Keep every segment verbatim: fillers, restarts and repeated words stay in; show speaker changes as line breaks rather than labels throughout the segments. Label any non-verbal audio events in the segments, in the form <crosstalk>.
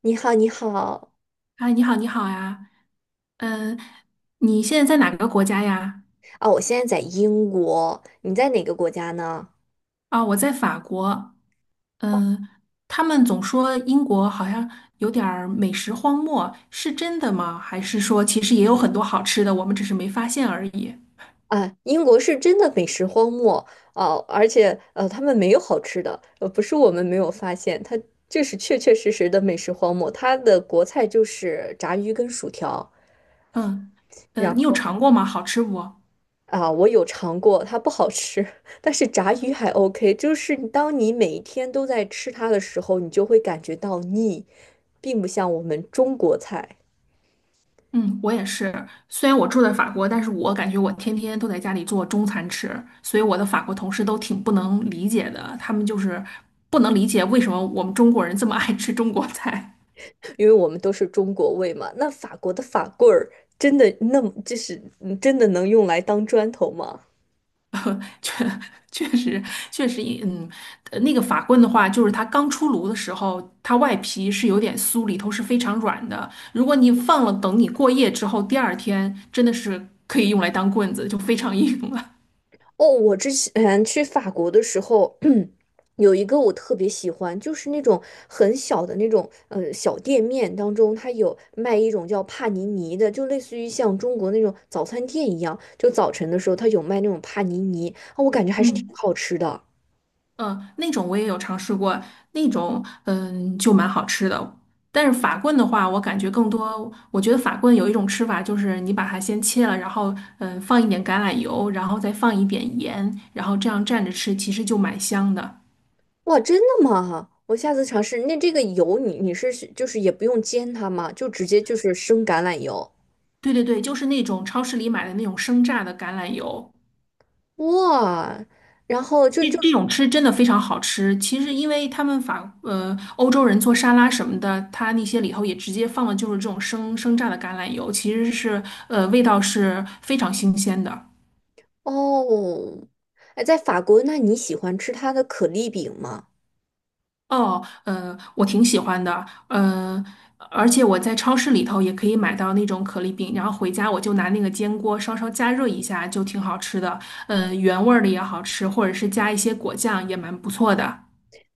你好，你好
啊，你好，你好呀，嗯，你现在在哪个国家呀？
啊！我现在在英国，你在哪个国家呢？
啊，我在法国，嗯，他们总说英国好像有点儿美食荒漠，是真的吗？还是说其实也有很多好吃的，我们只是没发现而已？
啊，英国是真的美食荒漠哦，而且呃，他们没有好吃的，呃，不是我们没有发现，它这是确确实实的美食荒漠。它的国菜就是炸鱼跟薯条，
嗯，呃，
然
你有
后
尝过吗？好吃不？
啊，我有尝过，它不好吃。<laughs> 但是炸鱼还 OK，就是当你每一天都在吃它的时候，你就会感觉到腻，并不像我们中国菜。
嗯，我也是。虽然我住在法国，但是我感觉我天天都在家里做中餐吃，所以我的法国同事都挺不能理解的。他们就是不能理解为什么我们中国人这么爱吃中国菜。
因为我们都是中国胃嘛。那法国的法棍儿真的那么就是嗯真的能用来当砖头吗？
<laughs> 确确实确实，嗯，呃那个法棍的话，就是它刚出炉的时候，它外皮是有点酥，里头是非常软的。如果你放了，等你过夜之后，第二天真的是可以用来当棍子，就非常硬了。
哦，我之前去法国的时候，<clears throat> 有一个我特别喜欢，就是那种很小的那种呃小店面当中，它有卖一种叫帕尼尼的，就类似于像中国那种早餐店一样，就早晨的时候它有卖那种帕尼尼，啊，我感觉
<laughs>
还是挺
嗯。
好吃的。
嗯，那种我也有尝试过，那种嗯就蛮好吃的。但是法棍的话，我感觉更多，我觉得法棍有一种吃法，就是你把它先切了，然后嗯放一点橄榄油，然后再放一点盐，然后这样蘸着吃，其实就蛮香的。
哇，真的吗？我下次尝试。那这个油你你是就是也不用煎它吗？就直接就是生橄榄油。
对对对，就是那种超市里买的那种生榨的橄榄油。
哇，然后就
这
就
这种吃真的非常好吃。其实，因为他们法呃欧洲人做沙拉什么的，他那些里头也直接放了就是这种生生榨的橄榄油，其实是呃味道是非常新鲜的。
哦，哎，在法国，那你喜欢吃它的可丽饼吗？
哦，呃，我挺喜欢的，呃，而且我在超市里头也可以买到那种可丽饼，然后回家我就拿那个煎锅稍稍加热一下，就挺好吃的。呃，原味儿的也好吃，或者是加一些果酱也蛮不错的。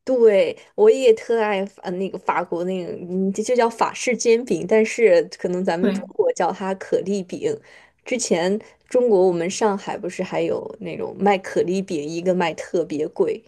对，我也特爱法呃那个法国那个，嗯，这就叫法式煎饼，但是可能咱们
对。
中国叫它可丽饼。之前中国我们上海不是还有那种卖可丽饼，一个卖特别贵。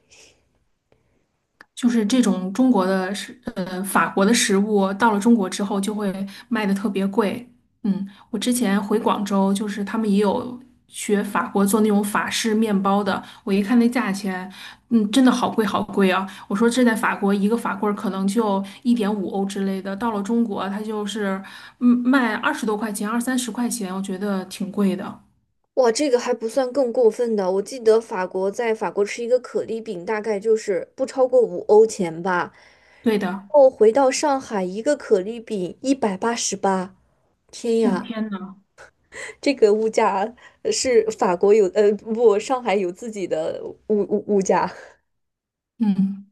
就是这种中国的食，呃，法国的食物到了中国之后就会卖的特别贵。嗯，我之前回广州，就是他们也有学法国做那种法式面包的，我一看那价钱，嗯，真的好贵好贵啊！我说这在法国一个法棍儿可能就一点五欧之类的，到了中国它就是嗯卖二十多块钱，二三十块钱，我觉得挺贵的。
哇，这个还不算更过分的。我记得法国在法国吃一个可丽饼，大概就是不超过五欧钱吧。
对
然
的，
后回到上海，一个可丽饼一百八十八。天
哦
呀，
天呐，
这个物价呃是法国有，呃，不，上海有自己的物物物价。
嗯。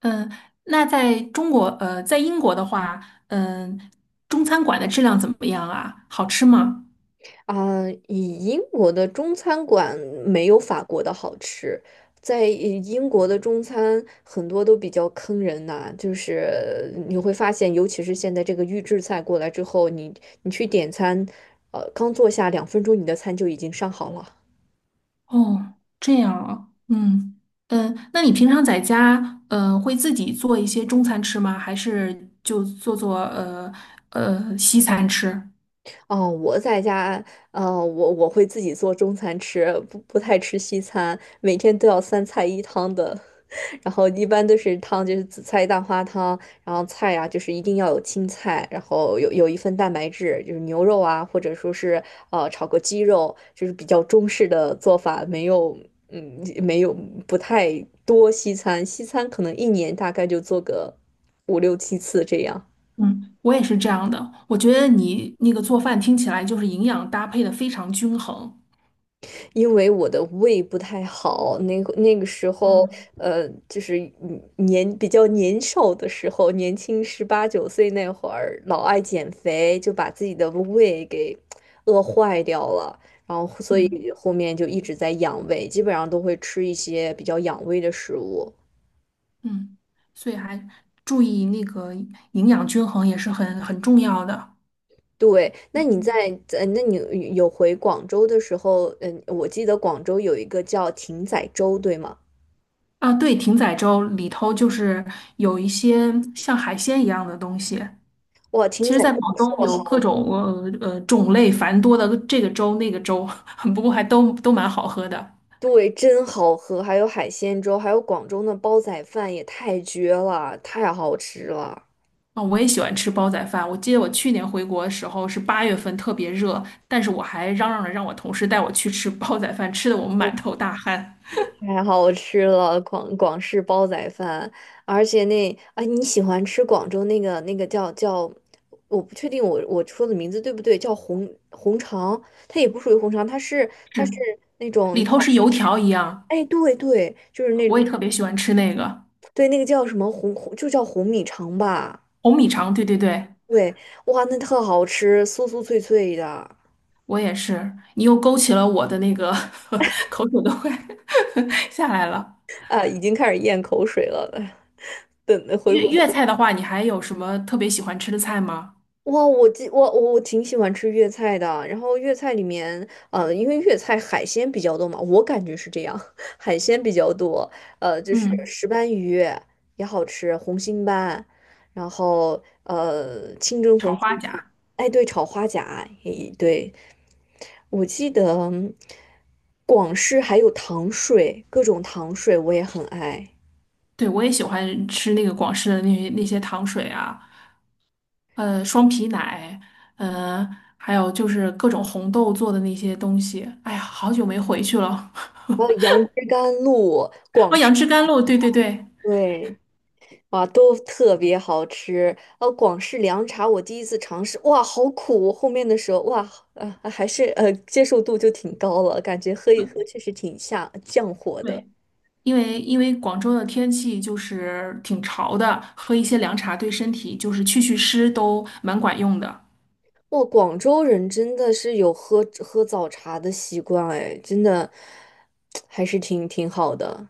嗯，那在中国，呃，在英国的话，嗯，中餐馆的质量怎么样啊？好吃吗？
啊，以英国的中餐馆没有法国的好吃，在呃英国的中餐很多都比较坑人呐、就是你会发现，尤其是现在这个预制菜过来之后，你你去点餐，呃，刚坐下两分钟，你的餐就已经上好了。
哦，这样啊，嗯嗯，那你平常在家，呃，会自己做一些中餐吃吗？还是就做做呃呃西餐吃？
哦，呃我在家，啊，我我会自己做中餐吃，不不太吃西餐，每天都要三菜一汤的。<laughs> 然后一般都是汤就是紫菜蛋花汤，然后菜呀、就是一定要有青菜，然后有有一份蛋白质，就是牛肉啊，或者说是呃炒个鸡肉，就是比较中式的做法，没有嗯没有不太多西餐，西餐可能一年大概就做个五六七次这样。
嗯，我也是这样的。我觉得你那个做饭听起来就是营养搭配的非常均衡。
因为我的胃不太好，那个那个时候，
嗯
呃，就是嗯年比较年少的时候，年轻十八九岁那会儿，老爱减肥，就把自己的胃给饿坏掉了，然后所
嗯
以后面就一直在养胃，基本上都会吃一些比较养胃的食物。
嗯，所以还注意那个营养均衡也是很很重要的。
对，那你在呃，那你有回广州的时候，嗯，我记得广州有一个叫艇仔粥，对吗？
啊，对，艇仔粥里头就是有一些像海鲜一样的东西。
哇，艇
其
仔
实，在
粥
广东
特
有各
好
种呃呃种类繁多的这个粥那个粥，<laughs> 不过还都都蛮好喝的。
对，真好喝，还有海鲜粥，还有广州的煲仔饭也太绝了，太好吃了，
啊、我也喜欢吃煲仔饭。我记得我去年回国的时候是八月份，特别热，但是我还嚷嚷着让我同事带我去吃煲仔饭，吃的我们满头大汗。
太好吃了，广广式煲仔饭，而且那啊，你喜欢吃广州那个那个叫叫，我不确定我我说的名字对不对，叫红红肠，它也不属于红肠，它是它是
是，
那
里
种，
头是油条一样，
哎，对对，就是那
我也特别喜欢吃那个
对那个叫什么红红，就叫红米肠吧。
红米肠。对对对。
对，哇，那特好吃，酥酥脆脆的。
我也是，你又勾起了我的那个 <laughs> 口水都快 <laughs> 下来了。
啊，已经开始咽口水了。<laughs> 等回
粤
国的
粤菜的话，你还有什么特别喜欢吃的菜吗？
哇，我记我我我挺喜欢吃粤菜的。然后粤菜里面，呃，因为粤菜海鲜比较多嘛，我感觉是这样。<laughs> 海鲜比较多。呃，就是
嗯，
石斑鱼也好吃，红心斑，然后呃，清蒸红
炒
心
花
斑。
甲，
哎，对，炒花甲，也对。我记得广式还有糖水，各种糖水我也很爱。
对，我也喜欢吃那个广式的那那些糖水啊，呃，双皮奶，呃，还有就是各种红豆做的那些东西。哎呀，好久没回去了，
还有杨枝甘露，
<laughs>
广
哦，杨枝甘露，对对对。
对，哇，都特别好吃。呃，广式凉茶我第一次尝试，哇，好苦！后面的时候，哇，呃，还是呃接受度就挺高了，感觉喝一喝确实挺下降火的。
对。因为因为广州的天气就是挺潮的，喝一些凉茶对身体就是去去湿都蛮管用的。
哇，广州人真的是有喝喝早茶的习惯，哎，真的 <tsk> 还是挺挺好的。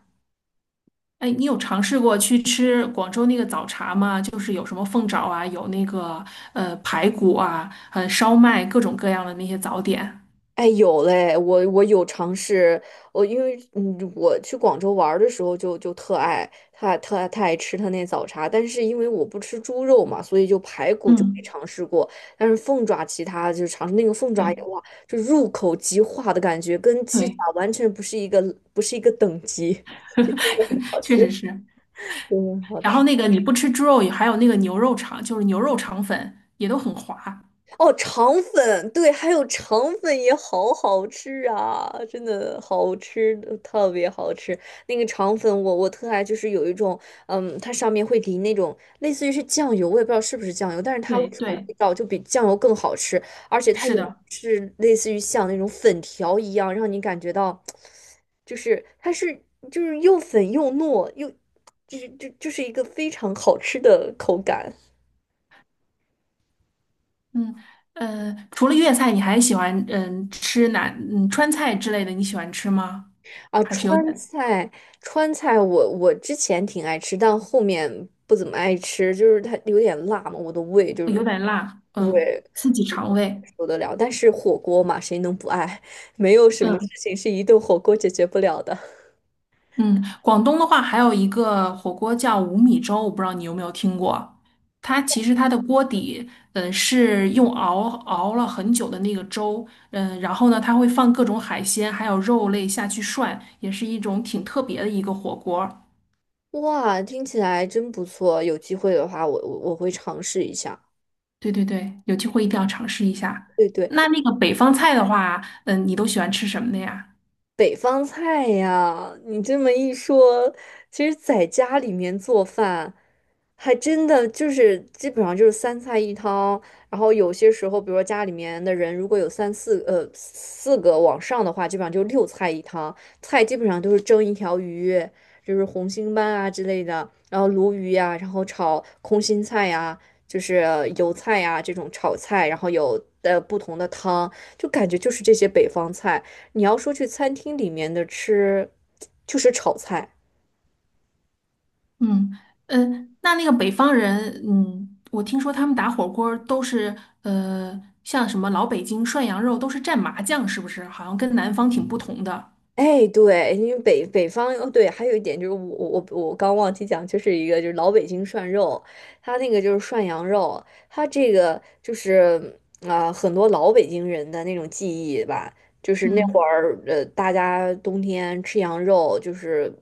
哎，你有尝试过去吃广州那个早茶吗？就是有什么凤爪啊，有那个呃排骨啊，呃烧麦，各种各样的那些早点。
哎，有嘞，我我有尝试，我因为嗯，我去广州玩儿的时候就就特爱，特爱特爱特爱吃他那早茶，但是因为我不吃猪肉嘛，所以就排骨就没
嗯，
尝试过，但是凤爪其他就尝试那个凤爪
对
也哇，就入口即化的感觉，跟鸡爪
对，
完全不是一个不是一个等级。<laughs> 真的很
<laughs>
好吃，
确实是。
真的很好
然
吃。
后那个你不吃猪肉，也还有那个牛肉肠，就是牛肉肠粉也都很滑。
哦，肠粉，对，还有肠粉也好好吃啊，真的好吃，呃特别好吃。那个肠粉我，我特爱，就是有一种，嗯，它上面会淋那种类似于是酱油，我也不知道是不是酱油，但是它为
对
什么
对，
味道就比酱油更好吃，而且它
是
也
的。
是类似于像那种粉条一样，让你感觉到，就是它是就是又粉又糯又，就是就就是一个非常好吃的口感。
嗯，呃，除了粤菜，你还喜欢嗯吃哪嗯川菜之类的？你喜欢吃吗？
啊，
还是有
川
点
菜，川菜我我之前挺爱吃，但后面不怎么爱吃，就是它有点辣嘛，我的胃就
有
是
点辣，
不
嗯，
会
刺激肠胃。
受得了。但是火锅嘛，谁能不爱？<laughs> 没有什么事
嗯
情是一顿火锅解决不了的。
嗯，广东的话还有一个火锅叫五米粥，我不知道你有没有听过。它其实它的锅底，嗯，是用熬熬了很久的那个粥，嗯，然后呢，它会放各种海鲜还有肉类下去涮，也是一种挺特别的一个火锅。
哇，听起来真不错，有机会的话我，我我会尝试一下。
对对对，有机会一定要尝试一下。
对对，
那那个北方菜的话，嗯，你都喜欢吃什么的呀？
北方菜呀，你这么一说，其实在家里面做饭，还真的就是基本上就是三菜一汤。然后有些时候，比如说家里面的人如果有三四呃四个往上的话，基本上就六菜一汤。菜基本上都是蒸一条鱼，就是红星斑啊之类的，然后鲈鱼呀、然后炒空心菜呀、就是油菜呀、这种炒菜，然后有呃不同的汤，就感觉就是这些北方菜。你要说去餐厅里面的吃，就是炒菜，
嗯嗯，那那个北方人，嗯，我听说他们打火锅儿都是，呃，像什么老北京涮羊肉都是蘸麻酱，是不是？好像跟南方挺不同的。
哎，对，因为北北方哦，对，还有一点就是我我我我刚忘记讲，就是一个就是老北京涮肉，它那个就是涮羊肉，它这个就是啊、很多老北京人的那种记忆吧，就是那会
嗯，
儿呃，大家冬天吃羊肉就是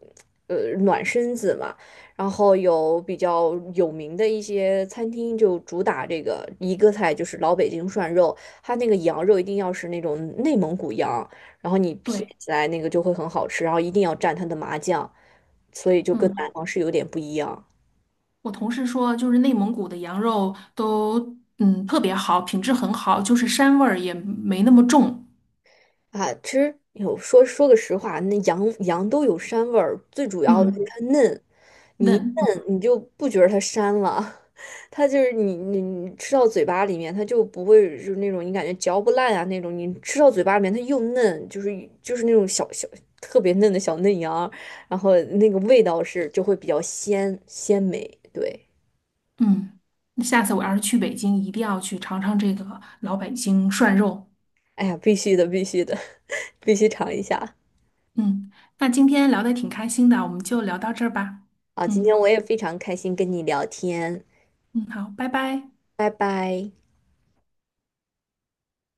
呃暖身子嘛，然后有比较有名的一些餐厅就主打这个一个菜就是老北京涮肉，它那个羊肉一定要是那种内蒙古羊。然后你撇
对，
起来那个就会很好吃，然后一定要蘸它的麻酱，所以就跟南
嗯，
方是有点不一样。
我同事说，就是内蒙古的羊肉都，嗯，特别好，品质很好，就是膻味儿也没那么重，
啊，其实有说说个实话，那羊羊都有膻味儿，最主要的就是
嗯，
它嫩，你一
嫩。
嫩你就不觉得它膻了。<laughs> 它就是你你你吃到嘴巴里面，它就不会就是那种你感觉嚼不烂啊那种，你吃到嘴巴里面它又嫩，就是就是那种小小特别嫩的小嫩羊，然后那个味道是就会比较鲜鲜美，对。
嗯，那下次我要是去北京，一定要去尝尝这个老北京涮肉。
哎呀，必须的，必须的。必须尝一下。
嗯，那今天聊的挺开心的，我们就聊到这儿吧。
好，今天
嗯
我也非常开心跟你聊天，
嗯，好，拜拜。
拜拜。